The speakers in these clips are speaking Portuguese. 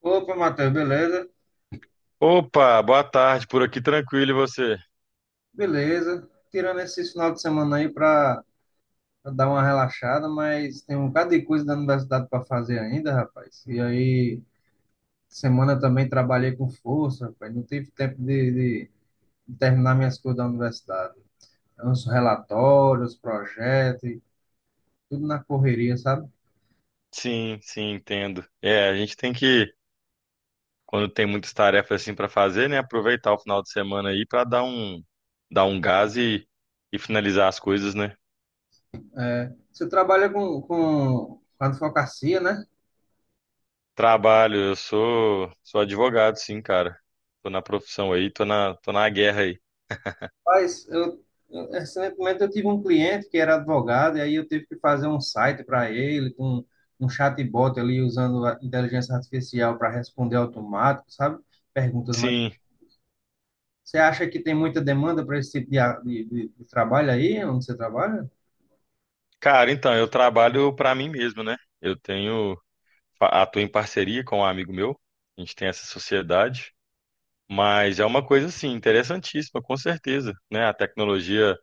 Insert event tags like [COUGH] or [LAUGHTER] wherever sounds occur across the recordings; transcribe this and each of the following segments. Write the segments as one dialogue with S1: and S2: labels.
S1: Opa, Matheus, beleza?
S2: Opa, boa tarde, por aqui tranquilo e você?
S1: Beleza. Tirando esse final de semana aí pra dar uma relaxada, mas tem um bocado de coisa da universidade para fazer ainda, rapaz. E aí, semana também trabalhei com força, rapaz. Não tive tempo de- de terminar minhas coisas da universidade. Os relatórios, projetos, e tudo na correria, sabe?
S2: Sim, sim, entendo. A gente tem que, quando tem muitas tarefas assim para fazer, né, aproveitar o final de semana aí para dar um gás e finalizar as coisas, né?
S1: É, você trabalha com advocacia, né?
S2: Trabalho, eu sou advogado, sim, cara. Tô na profissão aí, tô na guerra aí.
S1: Mas recentemente eu tive um cliente que era advogado, e aí eu tive que fazer um site para ele, com um chatbot ali, usando a inteligência artificial para responder automático, sabe? Perguntas. Mas
S2: Sim.
S1: você acha que tem muita demanda para esse tipo de, a- de, de trabalho aí, onde você trabalha?
S2: Cara, então eu trabalho para mim mesmo, né? Eu tenho atuo em parceria com um amigo meu. A gente tem essa sociedade. Mas é uma coisa assim interessantíssima, com certeza, né? A tecnologia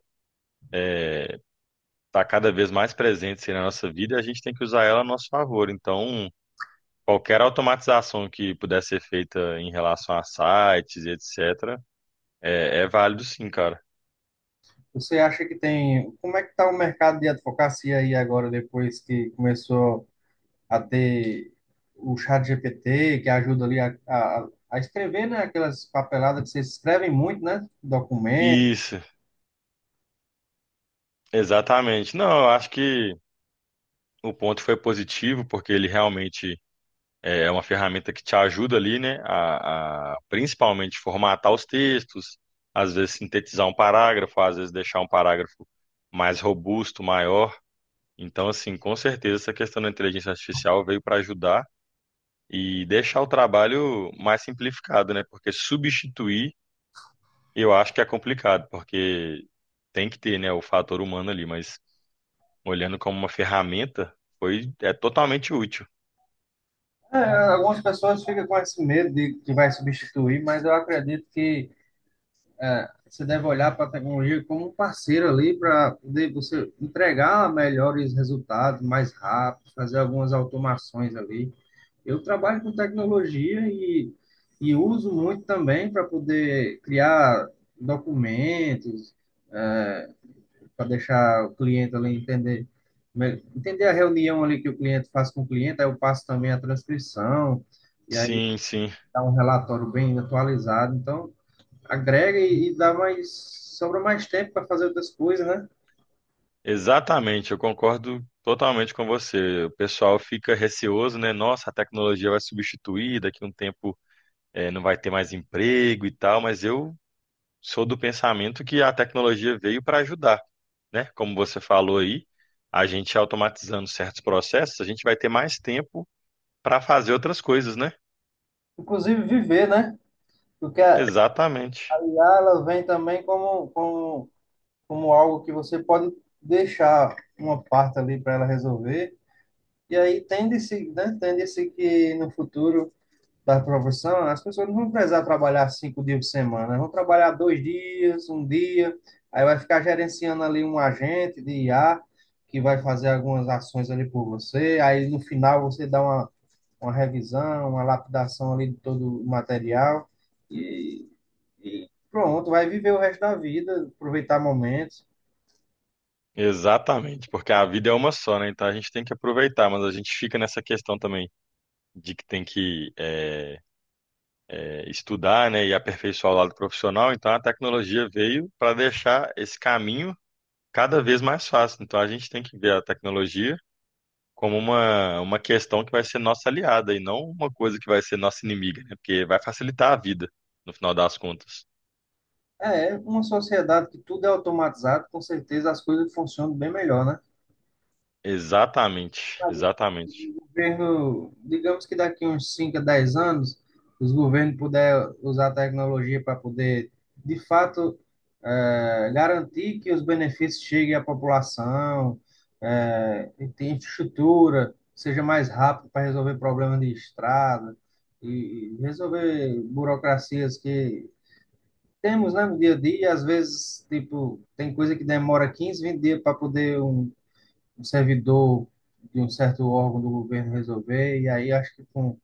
S2: está cada vez mais presente assim, na nossa vida e a gente tem que usar ela a nosso favor. Então, qualquer automatização que puder ser feita em relação a sites e etc, é válido sim, cara.
S1: Você acha que tem. Como é que está o mercado de advocacia aí agora, depois que começou a ter o chat GPT, que ajuda ali a escrever, né? Aquelas papeladas que vocês escrevem muito, né? Documento.
S2: Isso, exatamente. Não, eu acho que o ponto foi positivo porque ele realmente é uma ferramenta que te ajuda ali, né, a principalmente formatar os textos, às vezes sintetizar um parágrafo, às vezes deixar um parágrafo mais robusto, maior. Então, assim, com certeza essa questão da inteligência artificial veio para ajudar e deixar o trabalho mais simplificado, né? Porque substituir, eu acho que é complicado, porque tem que ter, né, o fator humano ali, mas olhando como uma ferramenta, é totalmente útil.
S1: É, algumas pessoas ficam com esse medo de que vai substituir, mas eu acredito que é, você deve olhar para a tecnologia como um parceiro ali para poder você entregar melhores resultados mais rápido, fazer algumas automações ali. Eu trabalho com tecnologia e uso muito também para poder criar documentos, é, para deixar o cliente ali entender, entender a reunião ali que o cliente faz com o cliente, aí eu passo também a transcrição, e aí
S2: Sim, sim.
S1: dá um relatório bem atualizado. Então, agrega e dá mais, sobra mais tempo para fazer outras coisas, né?
S2: Exatamente, eu concordo totalmente com você. O pessoal fica receoso, né? Nossa, a tecnologia vai substituir, daqui a um tempo não vai ter mais emprego e tal, mas eu sou do pensamento que a tecnologia veio para ajudar, né? Como você falou aí, a gente automatizando certos processos, a gente vai ter mais tempo para fazer outras coisas, né?
S1: Inclusive viver, né? Porque a
S2: Exatamente.
S1: IA ela vem também como algo que você pode deixar uma parte ali para ela resolver. E aí tende-se, né? Tende-se que no futuro da profissão, as pessoas não vão precisar trabalhar 5 dias por semana, vão trabalhar 2 dias, um dia, aí vai ficar gerenciando ali um agente de IA que vai fazer algumas ações ali por você, aí no final você dá uma revisão, uma lapidação ali de todo o material e, e pronto, vai viver o resto da vida, aproveitar momentos.
S2: Exatamente, porque a vida é uma só, né? Então a gente tem que aproveitar, mas a gente fica nessa questão também de que tem que estudar, né, e aperfeiçoar o lado profissional, então a tecnologia veio para deixar esse caminho cada vez mais fácil. Então a gente tem que ver a tecnologia como uma questão que vai ser nossa aliada e não uma coisa que vai ser nossa inimiga, né, porque vai facilitar a vida, no final das contas.
S1: É, uma sociedade que tudo é automatizado, com certeza as coisas funcionam bem melhor, né?
S2: Exatamente, exatamente.
S1: Governo, digamos que daqui uns 5 a 10 anos, os governos puder usar a tecnologia para poder, de fato, garantir que os benefícios cheguem à população, e tenha infraestrutura, seja mais rápido para resolver problemas de estrada e resolver burocracias que temos, né, no dia a dia, e às vezes, tipo, tem coisa que demora 15, 20 dias para poder um servidor de um certo órgão do governo resolver, e aí acho que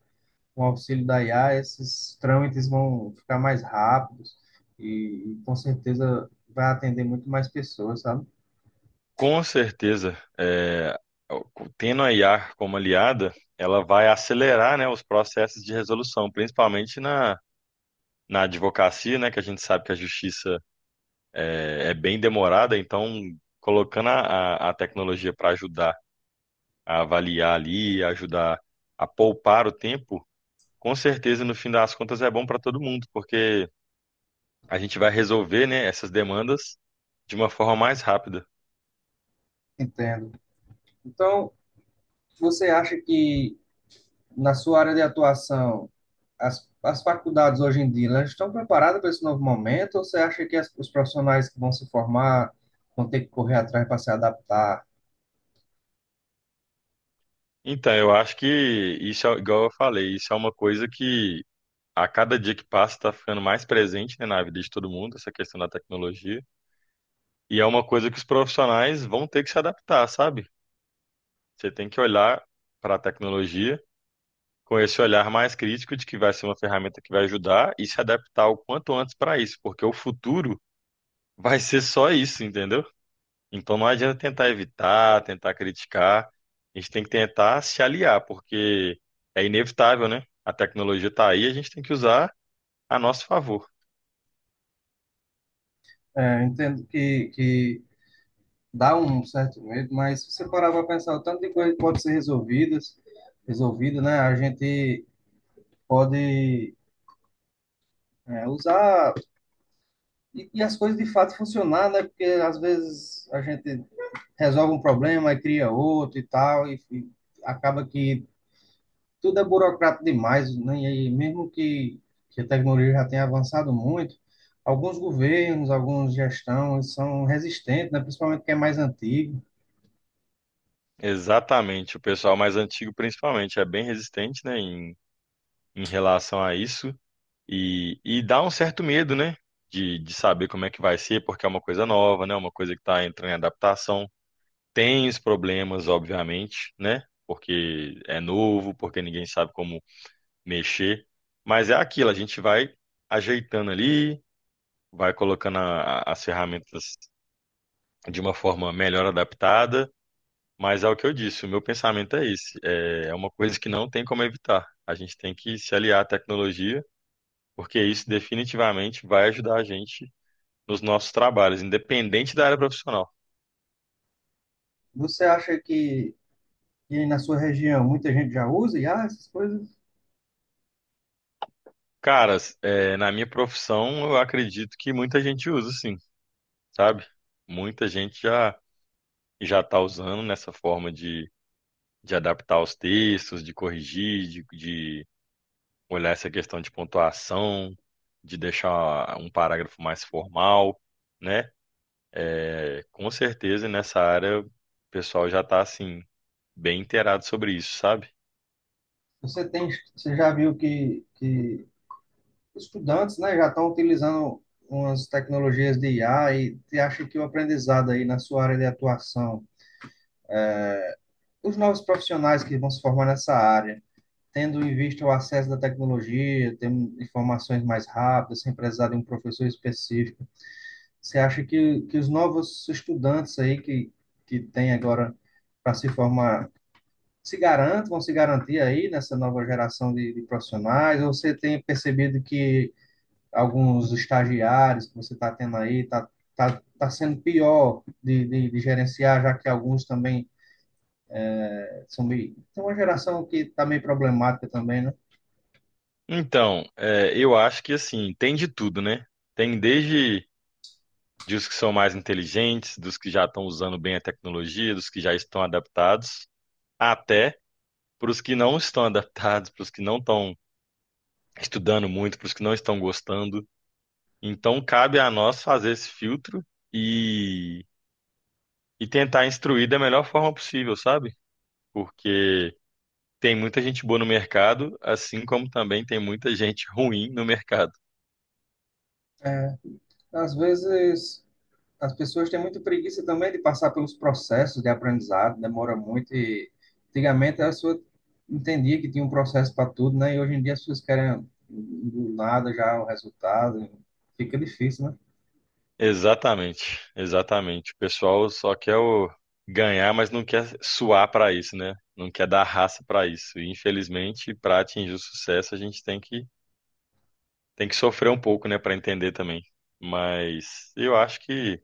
S1: com o auxílio da IA esses trâmites vão ficar mais rápidos e com certeza vai atender muito mais pessoas, sabe?
S2: Com certeza, é, tendo a IA como aliada, ela vai acelerar, né, os processos de resolução, principalmente na advocacia, né, que a gente sabe que a justiça é bem demorada, então colocando a tecnologia para ajudar a avaliar ali, ajudar a poupar o tempo, com certeza no fim das contas é bom para todo mundo, porque a gente vai resolver, né, essas demandas de uma forma mais rápida.
S1: Entendo. Então, você acha que na sua área de atuação as faculdades hoje em dia elas estão preparadas para esse novo momento ou você acha que os profissionais que vão se formar vão ter que correr atrás para se adaptar?
S2: Então, eu acho que isso é igual eu falei, isso é uma coisa que a cada dia que passa está ficando mais presente, né, na vida de todo mundo, essa questão da tecnologia, e é uma coisa que os profissionais vão ter que se adaptar, sabe? Você tem que olhar para a tecnologia com esse olhar mais crítico de que vai ser uma ferramenta que vai ajudar e se adaptar o quanto antes para isso, porque o futuro vai ser só isso, entendeu? Então não adianta tentar evitar, tentar criticar, a gente tem que tentar se aliar, porque é inevitável, né? A tecnologia está aí, a gente tem que usar a nosso favor.
S1: É, eu entendo que dá um certo medo, mas se você parar para pensar, o tanto de coisa que pode ser resolvida, né? A gente pode usar e as coisas de fato funcionar, né? Porque às vezes a gente resolve um problema e cria outro e tal, e acaba que tudo é burocrático demais, né? E mesmo que a tecnologia já tenha avançado muito, alguns governos, algumas gestões são resistentes, né? Principalmente quem é mais antigo.
S2: Exatamente, o pessoal mais antigo principalmente é bem resistente, né, em relação a isso. E dá um certo medo, né? De saber como é que vai ser, porque é uma coisa nova, né? É uma coisa que está entrando em adaptação. Tem os problemas, obviamente, né? Porque é novo, porque ninguém sabe como mexer. Mas é aquilo, a gente vai ajeitando ali, vai colocando as ferramentas de uma forma melhor adaptada. Mas é o que eu disse, o meu pensamento é esse. É uma coisa que não tem como evitar. A gente tem que se aliar à tecnologia, porque isso definitivamente vai ajudar a gente nos nossos trabalhos, independente da área profissional.
S1: Você acha que e na sua região muita gente já usa e ah, essas coisas
S2: Caras, é, na minha profissão, eu acredito que muita gente usa, sim, sabe? Muita gente já está usando nessa forma de adaptar os textos, de corrigir, de olhar essa questão de pontuação, de deixar um parágrafo mais formal, né? É, com certeza, nessa área, o pessoal já está, assim, bem inteirado sobre isso, sabe?
S1: você tem você já viu que estudantes né já estão utilizando umas tecnologias de IA e você acha que o aprendizado aí na sua área de atuação os novos profissionais que vão se formar nessa área tendo em vista o acesso da tecnologia tendo informações mais rápidas sem precisar de um professor específico você acha que os novos estudantes aí que tem agora para se formar se garantam, vão se garantir aí nessa nova geração de profissionais? Ou você tem percebido que alguns estagiários que você está tendo aí está tá sendo pior de gerenciar, já que alguns também são meio. Tem uma geração que está meio problemática também, né?
S2: Então, é, eu acho que, assim, tem de tudo, né? Tem desde dos que são mais inteligentes, dos que já estão usando bem a tecnologia, dos que já estão adaptados, até para os que não estão [LAUGHS] adaptados, para os que não estão estudando muito, para os que não estão gostando. Então, cabe a nós fazer esse filtro e, e tentar instruir da melhor forma possível, sabe? Porque tem muita gente boa no mercado, assim como também tem muita gente ruim no mercado.
S1: É, às vezes as pessoas têm muita preguiça também de passar pelos processos de aprendizado, demora muito e antigamente a pessoa entendia que tinha um processo para tudo, né? E hoje em dia as pessoas querem do nada já o resultado, fica difícil, né?
S2: Exatamente, exatamente. O pessoal só quer o ganhar, mas não quer suar para isso, né? Não quer dar raça para isso. E infelizmente, para atingir o sucesso, a gente tem que sofrer um pouco, né, para entender também. Mas eu acho que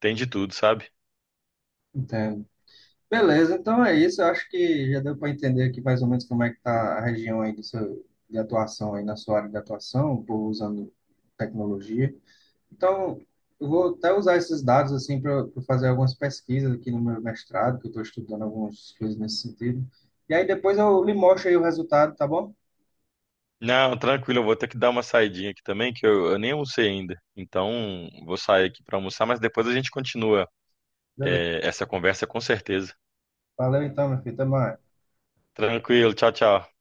S2: tem de tudo, sabe?
S1: Entendo. Beleza, então é isso. Eu acho que já deu para entender aqui mais ou menos como é que está a região aí do seu, de atuação aí na sua área de atuação, o povo usando tecnologia. Então, eu vou até usar esses dados assim para fazer algumas pesquisas aqui no meu mestrado, que eu estou estudando algumas coisas nesse sentido. E aí depois eu lhe mostro aí o resultado, tá bom?
S2: Não, tranquilo, eu vou ter que dar uma saidinha aqui também, que eu nem almocei ainda. Então, vou sair aqui para almoçar, mas depois a gente continua,
S1: Beleza.
S2: essa conversa com certeza.
S1: Valeu então, meu filho. Até mais.
S2: Tranquilo, tchau, tchau.